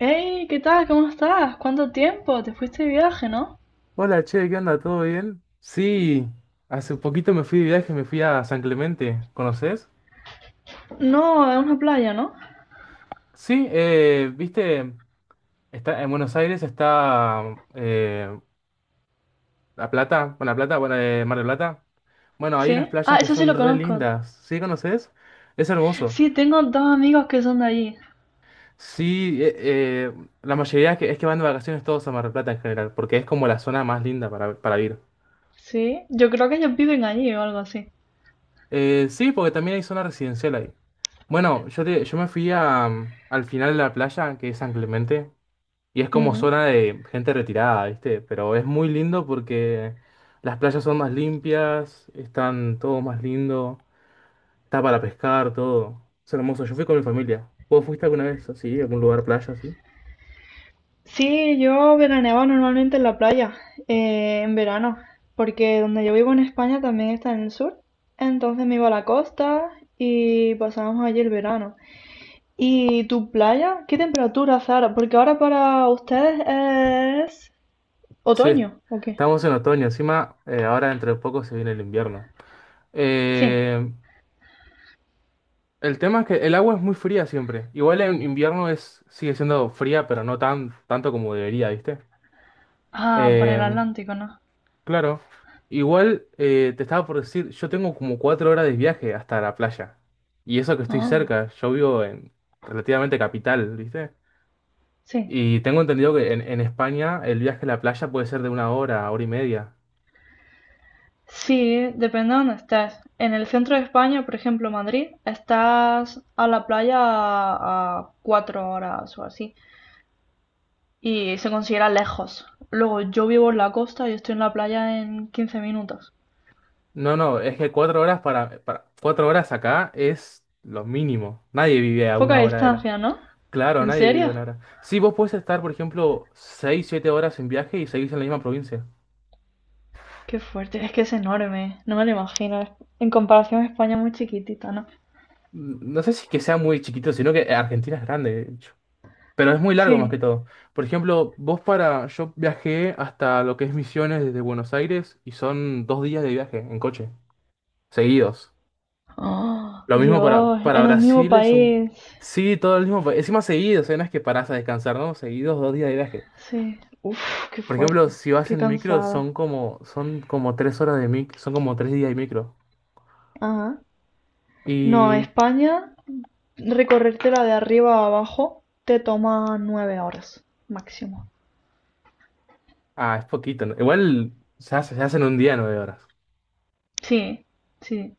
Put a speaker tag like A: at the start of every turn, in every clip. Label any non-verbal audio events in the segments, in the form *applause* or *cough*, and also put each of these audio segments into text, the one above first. A: Hey, ¿qué tal? ¿Cómo estás? ¿Cuánto tiempo? Te fuiste de viaje, ¿no?
B: Hola, che, ¿qué onda? ¿Todo bien? Sí, hace poquito me fui de viaje, me fui a San Clemente, ¿conoces?
A: No, a una playa, ¿no?
B: Sí, viste, está en Buenos Aires está eh, La Plata, Buena Plata, bueno, Mar del Plata. Bueno, hay unas
A: Sí. Ah,
B: playas que
A: eso sí
B: son
A: lo
B: re
A: conozco.
B: lindas, ¿sí conoces? Es hermoso.
A: Sí, tengo dos amigos que son de allí.
B: Sí, la mayoría es que van de vacaciones todos a Mar del Plata en general, porque es como la zona más linda para ir.
A: Sí, yo creo que ellos viven allí o algo así.
B: Sí, porque también hay zona residencial ahí. Bueno, yo me fui a, al final de la playa, que es San Clemente, y es como
A: Ujú.
B: zona de gente retirada, ¿viste? Pero es muy lindo porque las playas son más limpias, están todo más lindo, está para pescar, todo. Es hermoso, yo fui con mi familia. ¿Vos fuiste alguna vez así, a algún lugar playa así?
A: Sí, yo veraneaba normalmente en la playa, en verano, porque donde yo vivo en España también está en el sur. Entonces me iba a la costa y pasábamos allí el verano. ¿Y tu playa? ¿Qué temperatura, Sara? Porque ahora para ustedes es
B: Sí,
A: ¿otoño o qué?
B: estamos en otoño, encima ahora dentro de poco se viene el invierno.
A: Sí.
B: Eh, El tema es que el agua es muy fría siempre. Igual en invierno sigue siendo fría, pero no tanto como debería, ¿viste?
A: Ah, para el
B: Eh,
A: Atlántico, ¿no?
B: claro. Igual te estaba por decir, yo tengo como 4 horas de viaje hasta la playa. Y eso que estoy
A: Ah,
B: cerca, yo vivo en relativamente capital, ¿viste?
A: sí.
B: Y tengo entendido que en España el viaje a la playa puede ser de 1 hora, hora y media.
A: Sí, depende de dónde estés. En el centro de España, por ejemplo, Madrid, estás a la playa a 4 horas o así. Y se considera lejos. Luego yo vivo en la costa y estoy en la playa en 15 minutos.
B: No, no, es que cuatro horas para cuatro horas acá es lo mínimo. Nadie vive a
A: Poca
B: 1 hora de la.
A: distancia, ¿no?
B: Claro,
A: ¿En
B: nadie vive
A: serio?
B: en Ara. Sí, vos puedes estar, por ejemplo, 6, 7 horas en viaje y seguís en la misma provincia.
A: Qué fuerte, es que es enorme. No me lo imagino. En comparación a España, muy chiquitita, ¿no?
B: No sé si es que sea muy chiquito, sino que Argentina es grande, de hecho. Pero es muy largo más
A: Sí.
B: que todo. Por ejemplo, vos para. Yo viajé hasta lo que es Misiones desde Buenos Aires y son dos días de viaje en coche, seguidos.
A: *gasps* Ah,
B: Lo mismo para,
A: Dios,
B: para
A: en el mismo
B: Brasil es un.
A: país.
B: Sí, todo el mismo. Encima seguidos, ¿eh? No es que parás a descansar, ¿no? Seguidos 2 días de viaje.
A: Sí. Uf, qué
B: Por
A: fuerte.
B: ejemplo, si vas
A: Qué
B: en micro, son
A: cansado.
B: como, son como 3 horas de micro, son como 3 días de micro.
A: Ajá. No,
B: Y,
A: España, recorrértela de arriba a abajo te toma 9 horas máximo.
B: es poquito, ¿no? Igual se hacen un día 9 horas.
A: Sí, sí.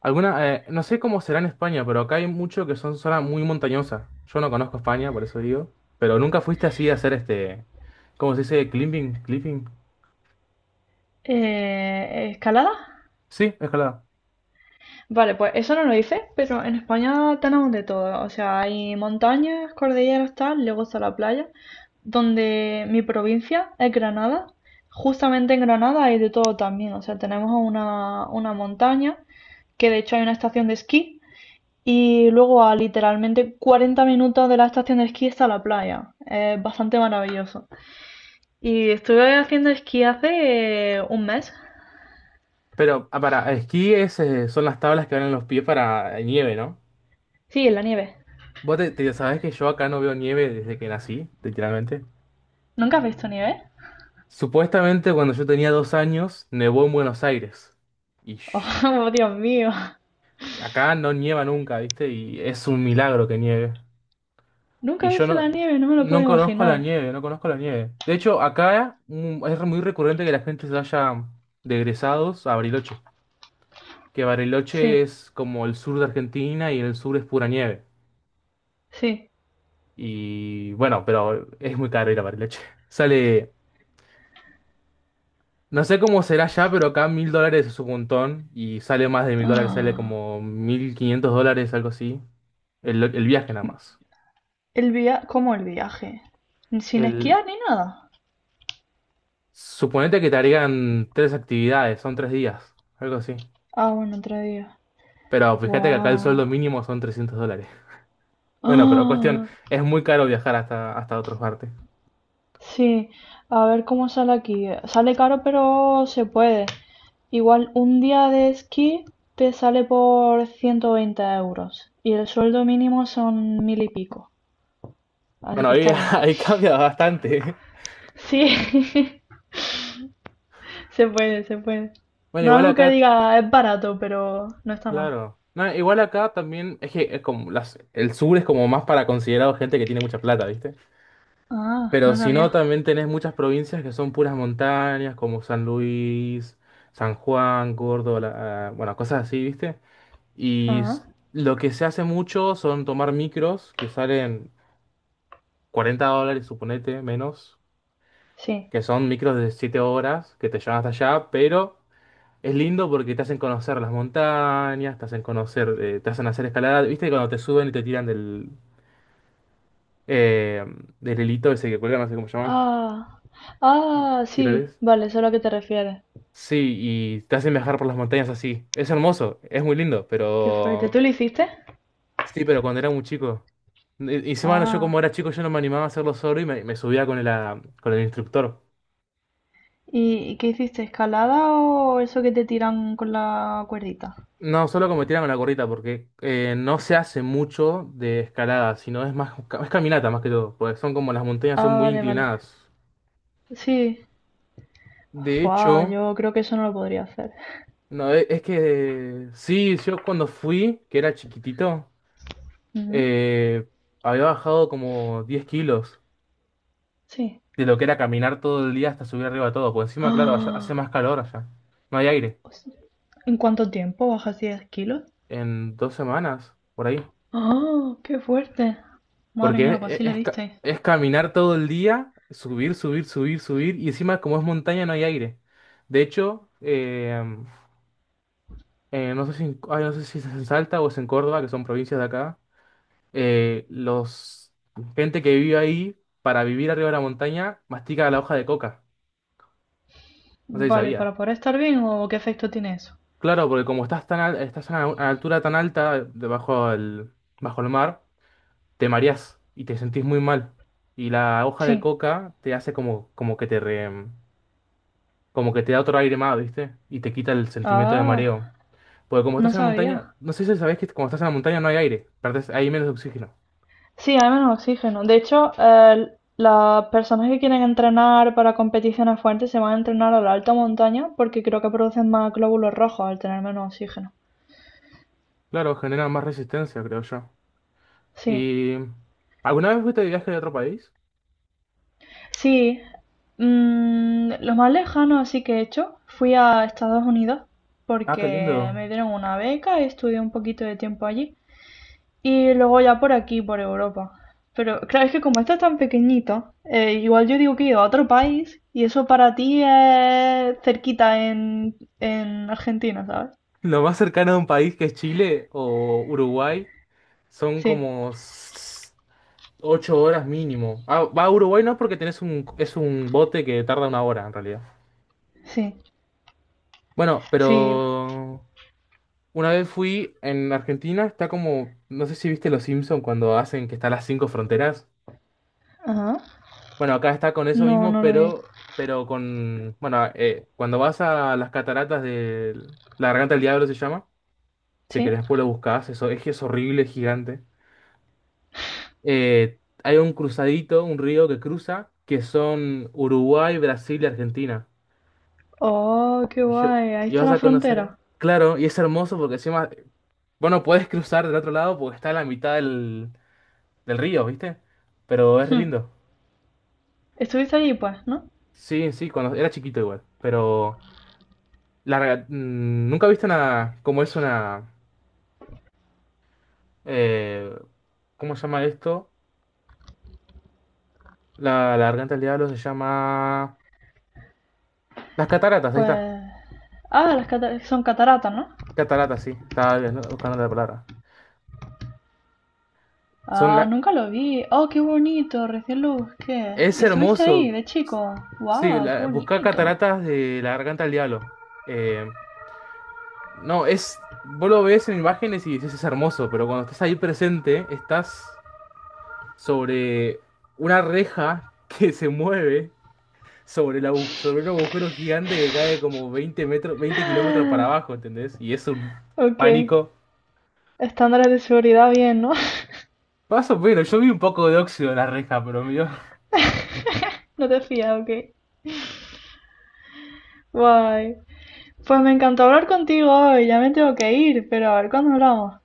B: No sé cómo será en España, pero acá hay mucho que son zonas muy montañosas. Yo no conozco España, por eso digo. Pero nunca fuiste así a hacer este, ¿cómo se dice? Climbing, clipping.
A: ¿Escalada?
B: Sí, escalada.
A: Vale, pues eso no lo hice, pero en España tenemos de todo. O sea, hay montañas, cordilleras, tal, luego está la playa, donde mi provincia es Granada. Justamente en Granada hay de todo también. O sea, tenemos una montaña, que de hecho hay una estación de esquí, y luego a literalmente 40 minutos de la estación de esquí está la playa. Es bastante maravilloso. Y estuve haciendo esquí hace un mes.
B: Pero para esquí son las tablas que van en los pies para nieve, ¿no?
A: Sí, en la nieve.
B: Vos te sabés que yo acá no veo nieve desde que nací, literalmente.
A: ¿Nunca has visto nieve?
B: Supuestamente cuando yo tenía 2 años, nevó en Buenos Aires. Ish.
A: *laughs* Oh, Dios mío.
B: Acá no nieva nunca, ¿viste? Y es un milagro que nieve. Y
A: Nunca he
B: yo
A: visto
B: no,
A: la nieve, no me lo
B: no
A: puedo
B: conozco la
A: imaginar.
B: nieve, no conozco la nieve. De hecho, acá es muy recurrente que la gente se vaya de egresados a Bariloche. Que
A: Sí,
B: Bariloche es como el sur de Argentina y el sur es pura nieve.
A: sí. *gasps*
B: Y bueno, pero es muy caro ir a Bariloche. *laughs* Sale, no sé cómo será ya, pero acá $1.000 es un montón. Y sale más de $1.000, sale
A: Ah,
B: como $1.500, algo así. El viaje nada más.
A: el via... ¿Cómo el viaje? ¿Sin
B: El
A: esquiar ni nada?
B: Suponete que te harían tres actividades, son 3 días, algo así.
A: Ah, bueno, otro día.
B: Pero fíjate que acá el
A: Guau.
B: sueldo
A: *gasps*
B: mínimo son $300. *laughs* Bueno, pero cuestión,
A: Ah,
B: es muy caro viajar hasta otras partes.
A: sí. A ver cómo sale aquí. Sale caro, pero se puede. Igual un día de esquí te sale por 120 euros. Y el sueldo mínimo son mil y pico. Así
B: Bueno,
A: que
B: ahí,
A: está
B: *laughs*
A: bien.
B: ahí cambia bastante.
A: Sí. *laughs* Se puede, se puede.
B: Bueno,
A: No
B: igual
A: algo que
B: acá,
A: diga es barato, pero no está mal.
B: claro. No, igual acá también, es que es como el sur es como más para considerado gente que tiene mucha plata, ¿viste?
A: Ah,
B: Pero
A: no
B: si no,
A: sabía.
B: también tenés muchas provincias que son puras montañas, como San Luis, San Juan, Córdoba, bueno, cosas así, ¿viste? Y
A: Ah,
B: lo que se hace mucho son tomar micros que salen $40, suponete, menos,
A: sí.
B: que son micros de 7 horas que te llevan hasta allá, pero es lindo porque te hacen conocer las montañas, te hacen hacer escalada. ¿Viste cuando te suben y te tiran eh, del hilito ese que cuelga, no sé cómo se llama?
A: Ah, ah, sí.
B: ¿Tiroles?
A: Vale, eso es a lo que te refieres.
B: Sí, y te hacen viajar por las montañas así. Es hermoso, es muy lindo,
A: Qué fuerte.
B: pero
A: ¿Tú lo hiciste?
B: sí, pero cuando era muy chico. Y encima, no, yo como
A: Ah.
B: era chico, yo no me animaba a hacerlo solo y me subía con el instructor.
A: Y qué hiciste? ¿Escalada o eso que te tiran con la cuerdita?
B: No, solo como tirar con la gorrita, porque no se hace mucho de escalada, sino es caminata más que todo, porque son como las montañas son
A: Ah,
B: muy
A: vale, vale.
B: inclinadas.
A: Sí.
B: De
A: Fua,
B: hecho,
A: yo creo que eso no lo podría hacer.
B: no, es que sí, yo cuando fui, que era chiquitito,
A: Ujú,
B: eh, había bajado como 10 kilos
A: sí.
B: de lo que era caminar todo el día hasta subir arriba todo, porque encima, claro, allá hace
A: *gasps* Ah,
B: más calor allá, no hay aire.
A: ¿en cuánto tiempo bajas 10 kilos?
B: En 2 semanas, por ahí.
A: ¡Oh, qué fuerte! Madre
B: Porque
A: mía, pues
B: es,
A: así le
B: es- es ca-
A: disteis.
B: es caminar todo el día, subir, subir, subir, subir, y encima como es montaña no hay aire. De hecho, no sé si es en Salta o es en Córdoba, que son provincias de acá, los gente que vive ahí, para vivir arriba de la montaña, mastica la hoja de coca. No sé si
A: Vale,
B: sabía.
A: ¿para poder estar bien o qué efecto tiene eso?
B: Claro, porque como estás estás a una altura tan alta, bajo el mar, te mareás y te sentís muy mal. Y la hoja de
A: Sí.
B: coca te hace como que como que te da otro aire más, ¿viste? Y te quita el sentimiento de
A: Ah,
B: mareo. Porque como
A: no
B: estás en la montaña,
A: sabía.
B: no sé si sabés que cuando estás en la montaña no hay aire, perdés, hay menos oxígeno.
A: Sí, hay menos oxígeno. De hecho, las personas que quieren entrenar para competiciones fuertes se van a entrenar a la alta montaña porque creo que producen más glóbulos rojos al tener menos oxígeno.
B: Claro, genera más resistencia, creo yo.
A: Sí.
B: ¿Y alguna vez fuiste de viaje a otro país?
A: Sí. Mm, lo más lejano así que he hecho, fui a Estados Unidos
B: Ah, qué lindo.
A: porque me dieron una beca y estudié un poquito de tiempo allí. Y luego ya por aquí, por Europa. Pero claro, es que como esto es tan pequeñito, igual yo digo que he ido a otro país y eso para ti es cerquita en Argentina, ¿sabes?
B: Lo más cercano a un país que es Chile o Uruguay son
A: Sí,
B: como 8 horas mínimo. Ah, va a Uruguay no porque es un bote que tarda 1 hora en realidad.
A: sí,
B: Bueno,
A: sí.
B: pero una vez fui en Argentina, está como, no sé si viste Los Simpson cuando hacen que están las cinco fronteras.
A: Ajá.
B: Bueno, acá está con eso
A: No,
B: mismo,
A: no lo vi.
B: pero con, bueno, cuando vas a las cataratas de la Garganta del Diablo se llama, si
A: ¿Sí?
B: querés después lo buscás, eso es que es horrible, es gigante. Hay un cruzadito, un río que cruza, que son Uruguay, Brasil y Argentina.
A: Oh, qué
B: Y yo,
A: guay. Ahí
B: y
A: está
B: vas
A: la
B: a
A: frontera.
B: conocer, claro, y es hermoso porque encima, bueno, puedes cruzar del otro lado porque está a la mitad del río, ¿viste? Pero es re
A: Hmm.
B: lindo.
A: Estuviste allí, pues, ¿no?
B: Sí, sí, cuando era chiquito igual, pero nunca viste una, como es una, eh, ¿cómo se llama esto? La garganta del diablo se llama, las cataratas, ahí está,
A: Pues... Ah, las cata- son cataratas, ¿no?
B: cataratas, sí, estaba bien, ¿no? Buscando la palabra. Son
A: Ah,
B: la,
A: nunca lo vi. Oh, qué bonito, recién lo busqué.
B: es
A: Y estuviste ahí,
B: hermoso,
A: de chico.
B: sí,
A: Wow, qué
B: la, buscar
A: bonito. *gasps*
B: cataratas de la garganta del diablo. Eh, No, es. Vos lo ves en imágenes y dices es hermoso, pero cuando estás ahí presente, estás sobre una reja *laughs* que se mueve sobre un agujero gigante que cae como 20 metros, 20 kilómetros para abajo,
A: *laughs*
B: ¿entendés? Y es un
A: Ok.
B: pánico.
A: Estándares de seguridad bien, ¿no?
B: Paso, pero yo vi un poco de óxido en la reja, pero mío. *laughs*
A: *laughs* No te fías, ok. Guay. Pues me encantó hablar contigo hoy. Ya me tengo que ir, pero a ver cuándo hablamos.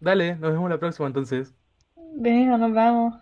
B: Dale, nos vemos la próxima entonces.
A: Venga, nos vemos.